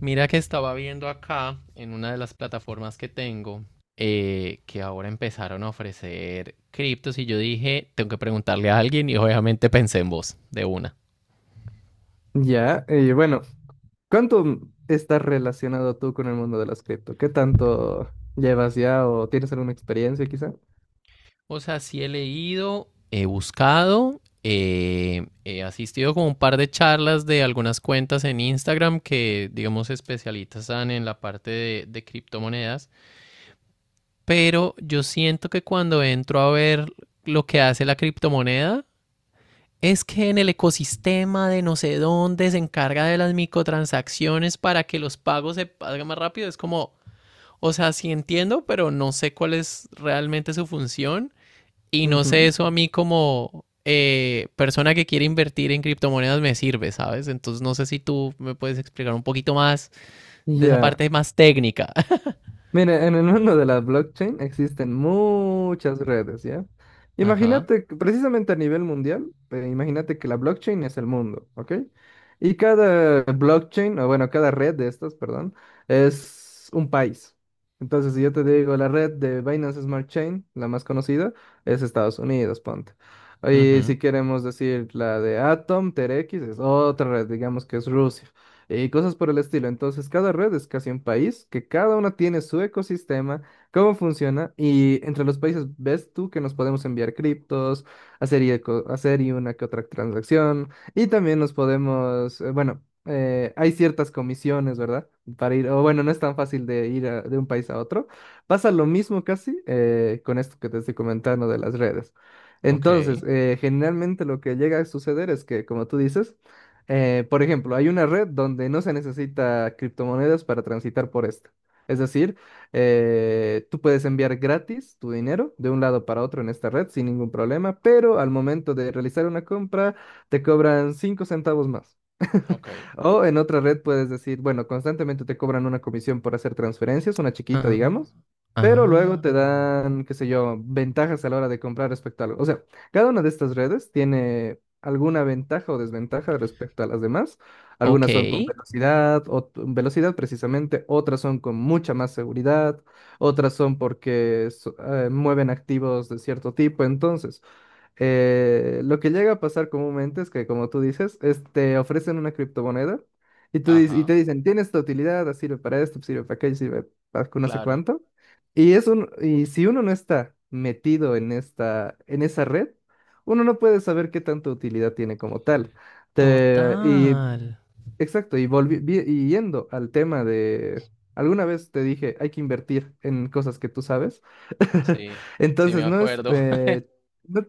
Mira que estaba viendo acá en una de las plataformas que tengo que ahora empezaron a ofrecer criptos y yo dije, tengo que preguntarle a alguien y obviamente pensé en vos de una. Ya, y bueno, ¿cuánto estás relacionado tú con el mundo de las cripto? ¿Qué tanto llevas ya o tienes alguna experiencia quizá? O sea, sí he leído, he buscado, he asistido como un par de charlas de algunas cuentas en Instagram que, digamos, se especializan en la parte de criptomonedas, pero yo siento que cuando entro a ver lo que hace la criptomoneda, es que en el ecosistema de no sé dónde se encarga de las microtransacciones para que los pagos se paguen más rápido. Es como, o sea, sí entiendo, pero no sé cuál es realmente su función. Y no sé, Ujú. eso a mí como persona que quiere invertir en criptomonedas me sirve, ¿sabes? Entonces no sé si tú me puedes explicar un poquito más de esa Ya. parte más técnica. Mira, en el mundo de la blockchain existen muchas redes, ¿ya? Ajá. Imagínate, que precisamente a nivel mundial, imagínate que la blockchain es el mundo, ¿ok? Y cada blockchain, o bueno, cada red de estas, perdón, es un país. Entonces, si yo te digo, la red de Binance Smart Chain, la más conocida, es Estados Unidos, ponte. Y Ujú. si queremos decir la de Atom, Terex, es otra red, digamos que es Rusia y cosas por el estilo. Entonces, cada red es casi un país, que cada una tiene su ecosistema, cómo funciona, y entre los países ves tú que nos podemos enviar criptos, hacer y una que otra transacción, y también nos podemos, bueno, hay ciertas comisiones, ¿verdad? Para ir, o bueno, no es tan fácil de ir de un país a otro. Pasa lo mismo casi con esto que te estoy comentando de las redes. Ok. Entonces, generalmente lo que llega a suceder es que, como tú dices, por ejemplo, hay una red donde no se necesita criptomonedas para transitar por esta. Es decir, tú puedes enviar gratis tu dinero de un lado para otro en esta red sin ningún problema, pero al momento de realizar una compra te cobran 5 centavos más. Ok. O en otra red puedes decir, bueno, constantemente te cobran una comisión por hacer transferencias, una chiquita, Ah, digamos, pero luego ah. te dan, qué sé yo, ventajas a la hora de comprar respecto a algo. O sea, cada una de estas redes tiene alguna ventaja o desventaja respecto a las demás. Ok. Algunas son con velocidad, o velocidad precisamente, otras son con mucha más seguridad, otras son porque mueven activos de cierto tipo. Entonces, lo que llega a pasar comúnmente es que, como tú dices, es- te ofrecen una criptomoneda y, y Ajá. te dicen, tiene esta utilidad, sirve para esto, sirve para aquello, sirve para no sé Claro. cuánto. Y si uno no está metido en, en esa red, uno no puede saber qué tanta utilidad tiene como tal. Te- y Total. Exacto, y, y yendo al tema de, alguna vez te dije, hay que invertir en cosas que tú sabes. Sí, sí me Entonces, no es, acuerdo. No,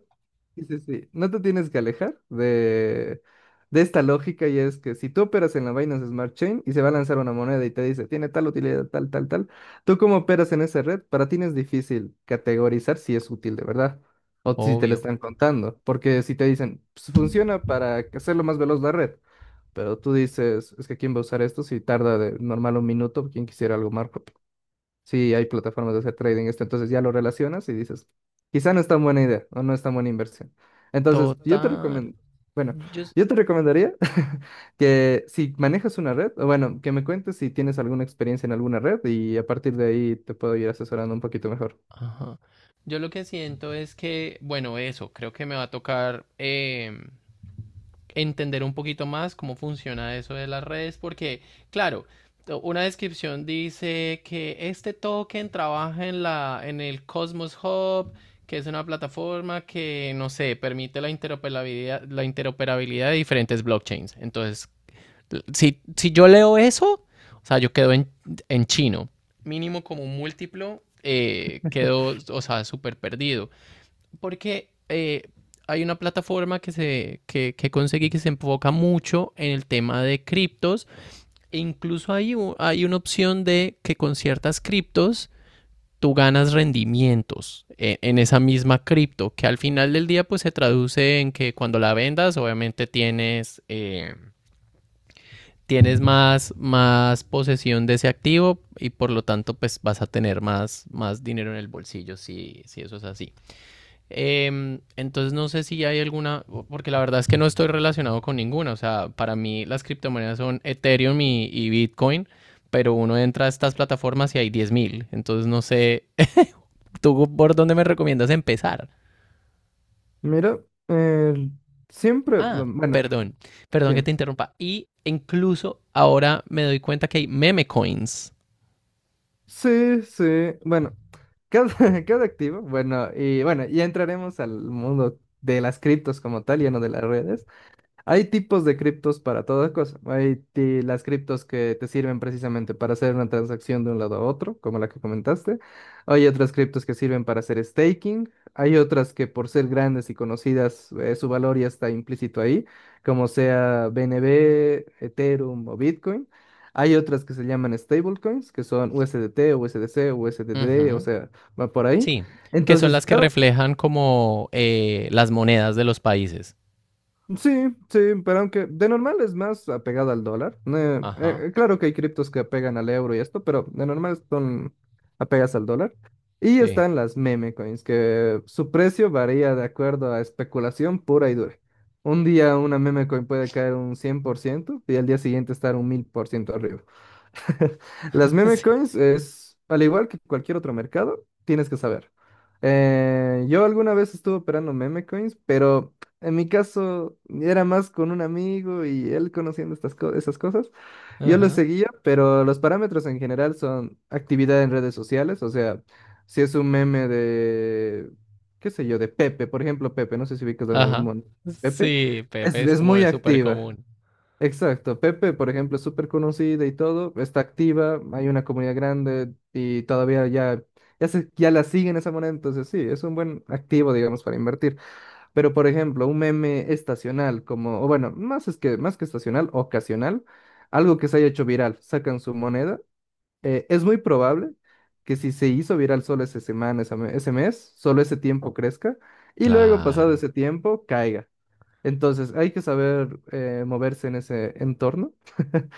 sí, sí, sí, no te tienes que alejar de, esta lógica y es que si tú operas en la Binance Smart Chain y se va a lanzar una moneda y te dice, tiene tal utilidad, tal, tal, tal, tú como operas en esa red, para ti no es difícil categorizar si es útil de verdad. O si te la Obvio. están contando, porque si te dicen, "Pues, funciona para hacerlo más veloz la red." Pero tú dices, es que quién va a usar esto si tarda de normal un minuto, quién quisiera algo más rápido. Sí, hay plataformas de hacer trading esto, entonces ya lo relacionas y dices, quizá no es tan buena idea o no es tan buena inversión. Entonces, yo te Total. recomiendo, bueno, Yo, s- yo te recomendaría que si manejas una red, o bueno, que me cuentes si tienes alguna experiencia en alguna red y a partir de ahí te puedo ir asesorando un poquito mejor. ajá. Yo lo que siento es que, bueno, eso, creo que me va a tocar entender un poquito más cómo funciona eso de las redes, porque, claro, una descripción dice que este token trabaja en la, en el Cosmos Hub, que es una plataforma que, no sé, permite la interoperabilidad de diferentes blockchains. Entonces, si, si yo leo eso, o sea, yo quedo en chino. Mínimo como un múltiplo, quedo, o sea, súper perdido. Porque hay una plataforma que conseguí que se enfoca mucho en el tema de criptos. E incluso hay una opción de que con ciertas criptos tú ganas rendimientos en esa misma cripto, que al final del día pues se traduce en que cuando la vendas obviamente tienes... tienes más, más posesión de ese activo y por lo tanto pues vas a tener más, más dinero en el bolsillo si, si eso es así. Entonces no sé si hay alguna, porque la verdad es que no estoy relacionado con ninguna, o sea, para mí las criptomonedas son Ethereum y Bitcoin, pero uno entra a estas plataformas y hay 10.000 entonces no sé, ¿tú por dónde me recomiendas empezar? Mira, eh, siempre, Ah, bueno, perdón, perdón que te dime. interrumpa. Y incluso ahora me doy cuenta que hay meme coins. Sí, sí. Bueno, cada, cada activo. Bueno, y bueno, ya entraremos al mundo de las criptos como tal, ya no de las redes. Hay tipos de criptos para toda cosa. Las criptos que te sirven precisamente para hacer una transacción de un lado a otro, como la que comentaste. Hay otras criptos que sirven para hacer staking. Hay otras que por ser grandes y conocidas, su valor ya está implícito ahí, como sea BNB, Ethereum o Bitcoin. Hay otras que se llaman stablecoins, que son USDT, USDC, Uh USDD, o -huh. sea, va por ahí. Sí, que son Entonces, las que cada, reflejan como las monedas de los países. sí, sí, pero aunque de normal es más apegada al dólar. Eh, Ajá, eh, claro que hay criptos que apegan al euro y esto, pero de normal son apegas al dólar. Y sí. están las meme coins, que su precio varía de acuerdo a especulación pura y dura. Un día una meme coin puede caer un 100% y al día siguiente estar un 1000% arriba. Las meme Sí, coins es, al igual que cualquier otro mercado, tienes que saber. Yo alguna vez estuve operando meme coins, pero en mi caso era más con un amigo y él conociendo estas esas cosas. Yo lo ajá, seguía, pero los parámetros en general son actividad en redes sociales, o sea, si es un meme de, qué sé yo, de Pepe, por ejemplo, Pepe, no sé si ubicas a ajá. Pepe, Sí, es, Pepe es es como muy el súper activa. común. Exacto, Pepe, por ejemplo, es súper conocida y todo, está activa, hay una comunidad grande y todavía ya, ya, ya la siguen esa moneda, entonces sí, es un buen activo, digamos, para invertir. Pero, por ejemplo, un meme estacional, como, o bueno, más, es que, más que estacional, ocasional, algo que se haya hecho viral, sacan su moneda, es muy probable que si se hizo viral solo esa semana, esa ese mes, solo ese tiempo crezca y luego, pasado Claro. ese tiempo, caiga. Entonces, hay que saber moverse en ese entorno.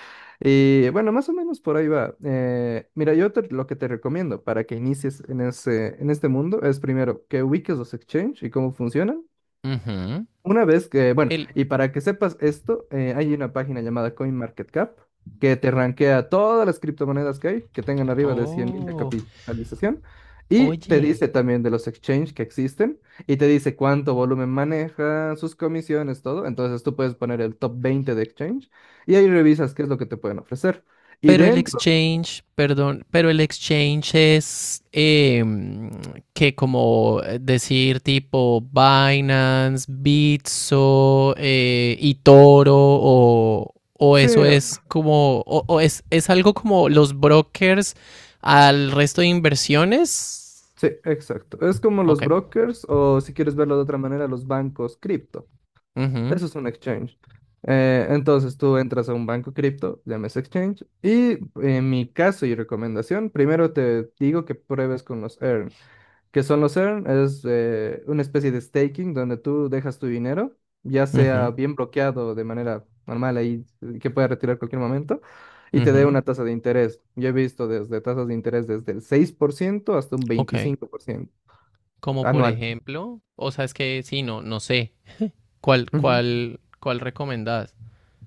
Y bueno, más o menos por ahí va. Mira, lo que te recomiendo para que inicies en ese, en este mundo es primero que ubiques los exchange y cómo funcionan. Ujú. Una vez que, bueno, El... y para que sepas esto, hay una página llamada CoinMarketCap que te rankea todas las criptomonedas que hay, que tengan arriba de 100.000 de Oh, capitalización, y te oye, dice también de los exchanges que existen, y te dice cuánto volumen maneja, sus comisiones, todo. Entonces tú puedes poner el top 20 de exchange y ahí revisas qué es lo que te pueden ofrecer. Y pero el dentro, exchange, perdón, pero el exchange es que como decir tipo Binance, Bitso, eToro o sí, eso es como, o es algo como los brokers al resto de inversiones. sí, exacto. Es como los Ok. brokers o si quieres verlo de otra manera, los bancos cripto. Ujú, Eso es un exchange. Entonces tú entras a un banco cripto, llames exchange, y en mi caso y recomendación, primero te digo que pruebes con los earn. Que son los earn? Es una especie de staking donde tú dejas tu dinero, ya ujú, sea bien bloqueado de manera normal ahí, que pueda retirar cualquier momento, y te dé ujú. una tasa de interés. Yo he visto desde tasas de interés desde el 6% hasta un Ok. 25% Como por anual. ejemplo, o sea, es que sí, no, no sé. ¿Cuál, Ujú. cuál, cuál recomendás?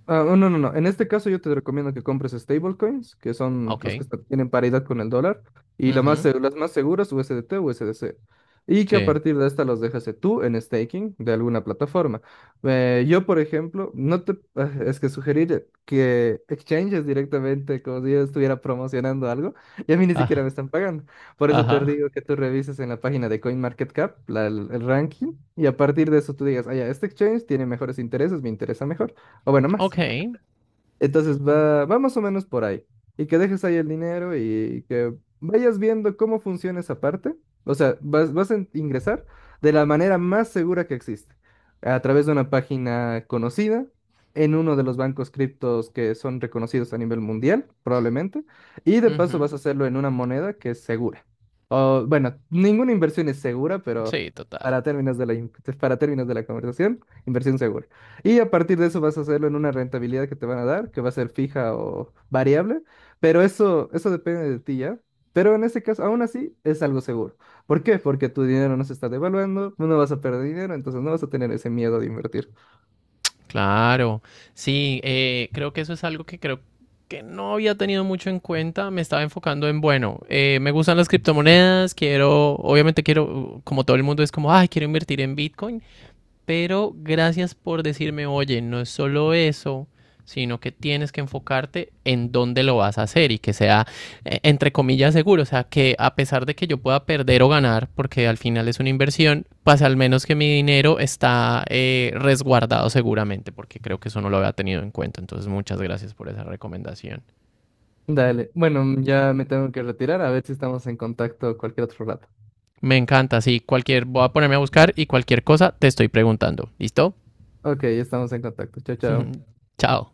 Ah, no, no, no. En este caso yo te recomiendo que compres stablecoins, que son Ok. los que tienen paridad con el dólar, y la más, Ujú. Las más seguras, u s d USDT o USDC. Y que a Sí. partir de esta los dejas tú en staking de alguna plataforma. Yo, por ejemplo, no te... ah, es que sugerir que exchanges directamente como si yo estuviera promocionando algo, y a mí ni siquiera me Ajá. están pagando. Por eso te Ajá. digo que tú revises en la página de CoinMarketCap el ranking, y a partir de eso tú digas, ah, ya, este exchange tiene mejores intereses, me interesa mejor, o bueno, Ok. más. Entonces va más o menos por ahí. Y que dejes ahí el dinero y que vayas viendo cómo funciona esa parte. O sea, vas a ingresar de la manera más segura que existe, a través de una página conocida, en uno de los bancos criptos que son reconocidos a nivel mundial, probablemente, y de paso Ujú. vas a hacerlo en una moneda que es segura. O, bueno, ninguna inversión es segura, pero Sí, total. para términos de la, in- para términos de la conversación, inversión segura. Y a partir de eso vas a hacerlo en una rentabilidad que te van a dar, que va a ser fija o variable, pero eso depende de ti ya. Pero en este caso, aún así, es algo seguro. ¿Por qué? Porque tu dinero no se está devaluando, no vas a perder dinero, entonces no vas a tener ese miedo de invertir. Claro. Sí, creo que eso es algo que creo que no había tenido mucho en cuenta. Me estaba enfocando en, bueno, me gustan las criptomonedas, quiero, obviamente quiero, como todo el mundo es como, ay, quiero invertir en Bitcoin. Pero gracias por decirme, oye, no es solo eso, sino que tienes que enfocarte en dónde lo vas a hacer y que sea, entre comillas, seguro. O sea, que a pesar de que yo pueda perder o ganar, porque al final es una inversión, pues al menos que mi dinero está resguardado seguramente, porque creo que eso no lo había tenido en cuenta. Entonces, muchas gracias por esa recomendación. Dale, bueno, ya me tengo que retirar, a ver si estamos en contacto cualquier otro rato. Me encanta, sí, cualquier, voy a ponerme a buscar y cualquier cosa te estoy preguntando. ¿Listo? Ok, estamos en contacto. Chao, chao. Chao.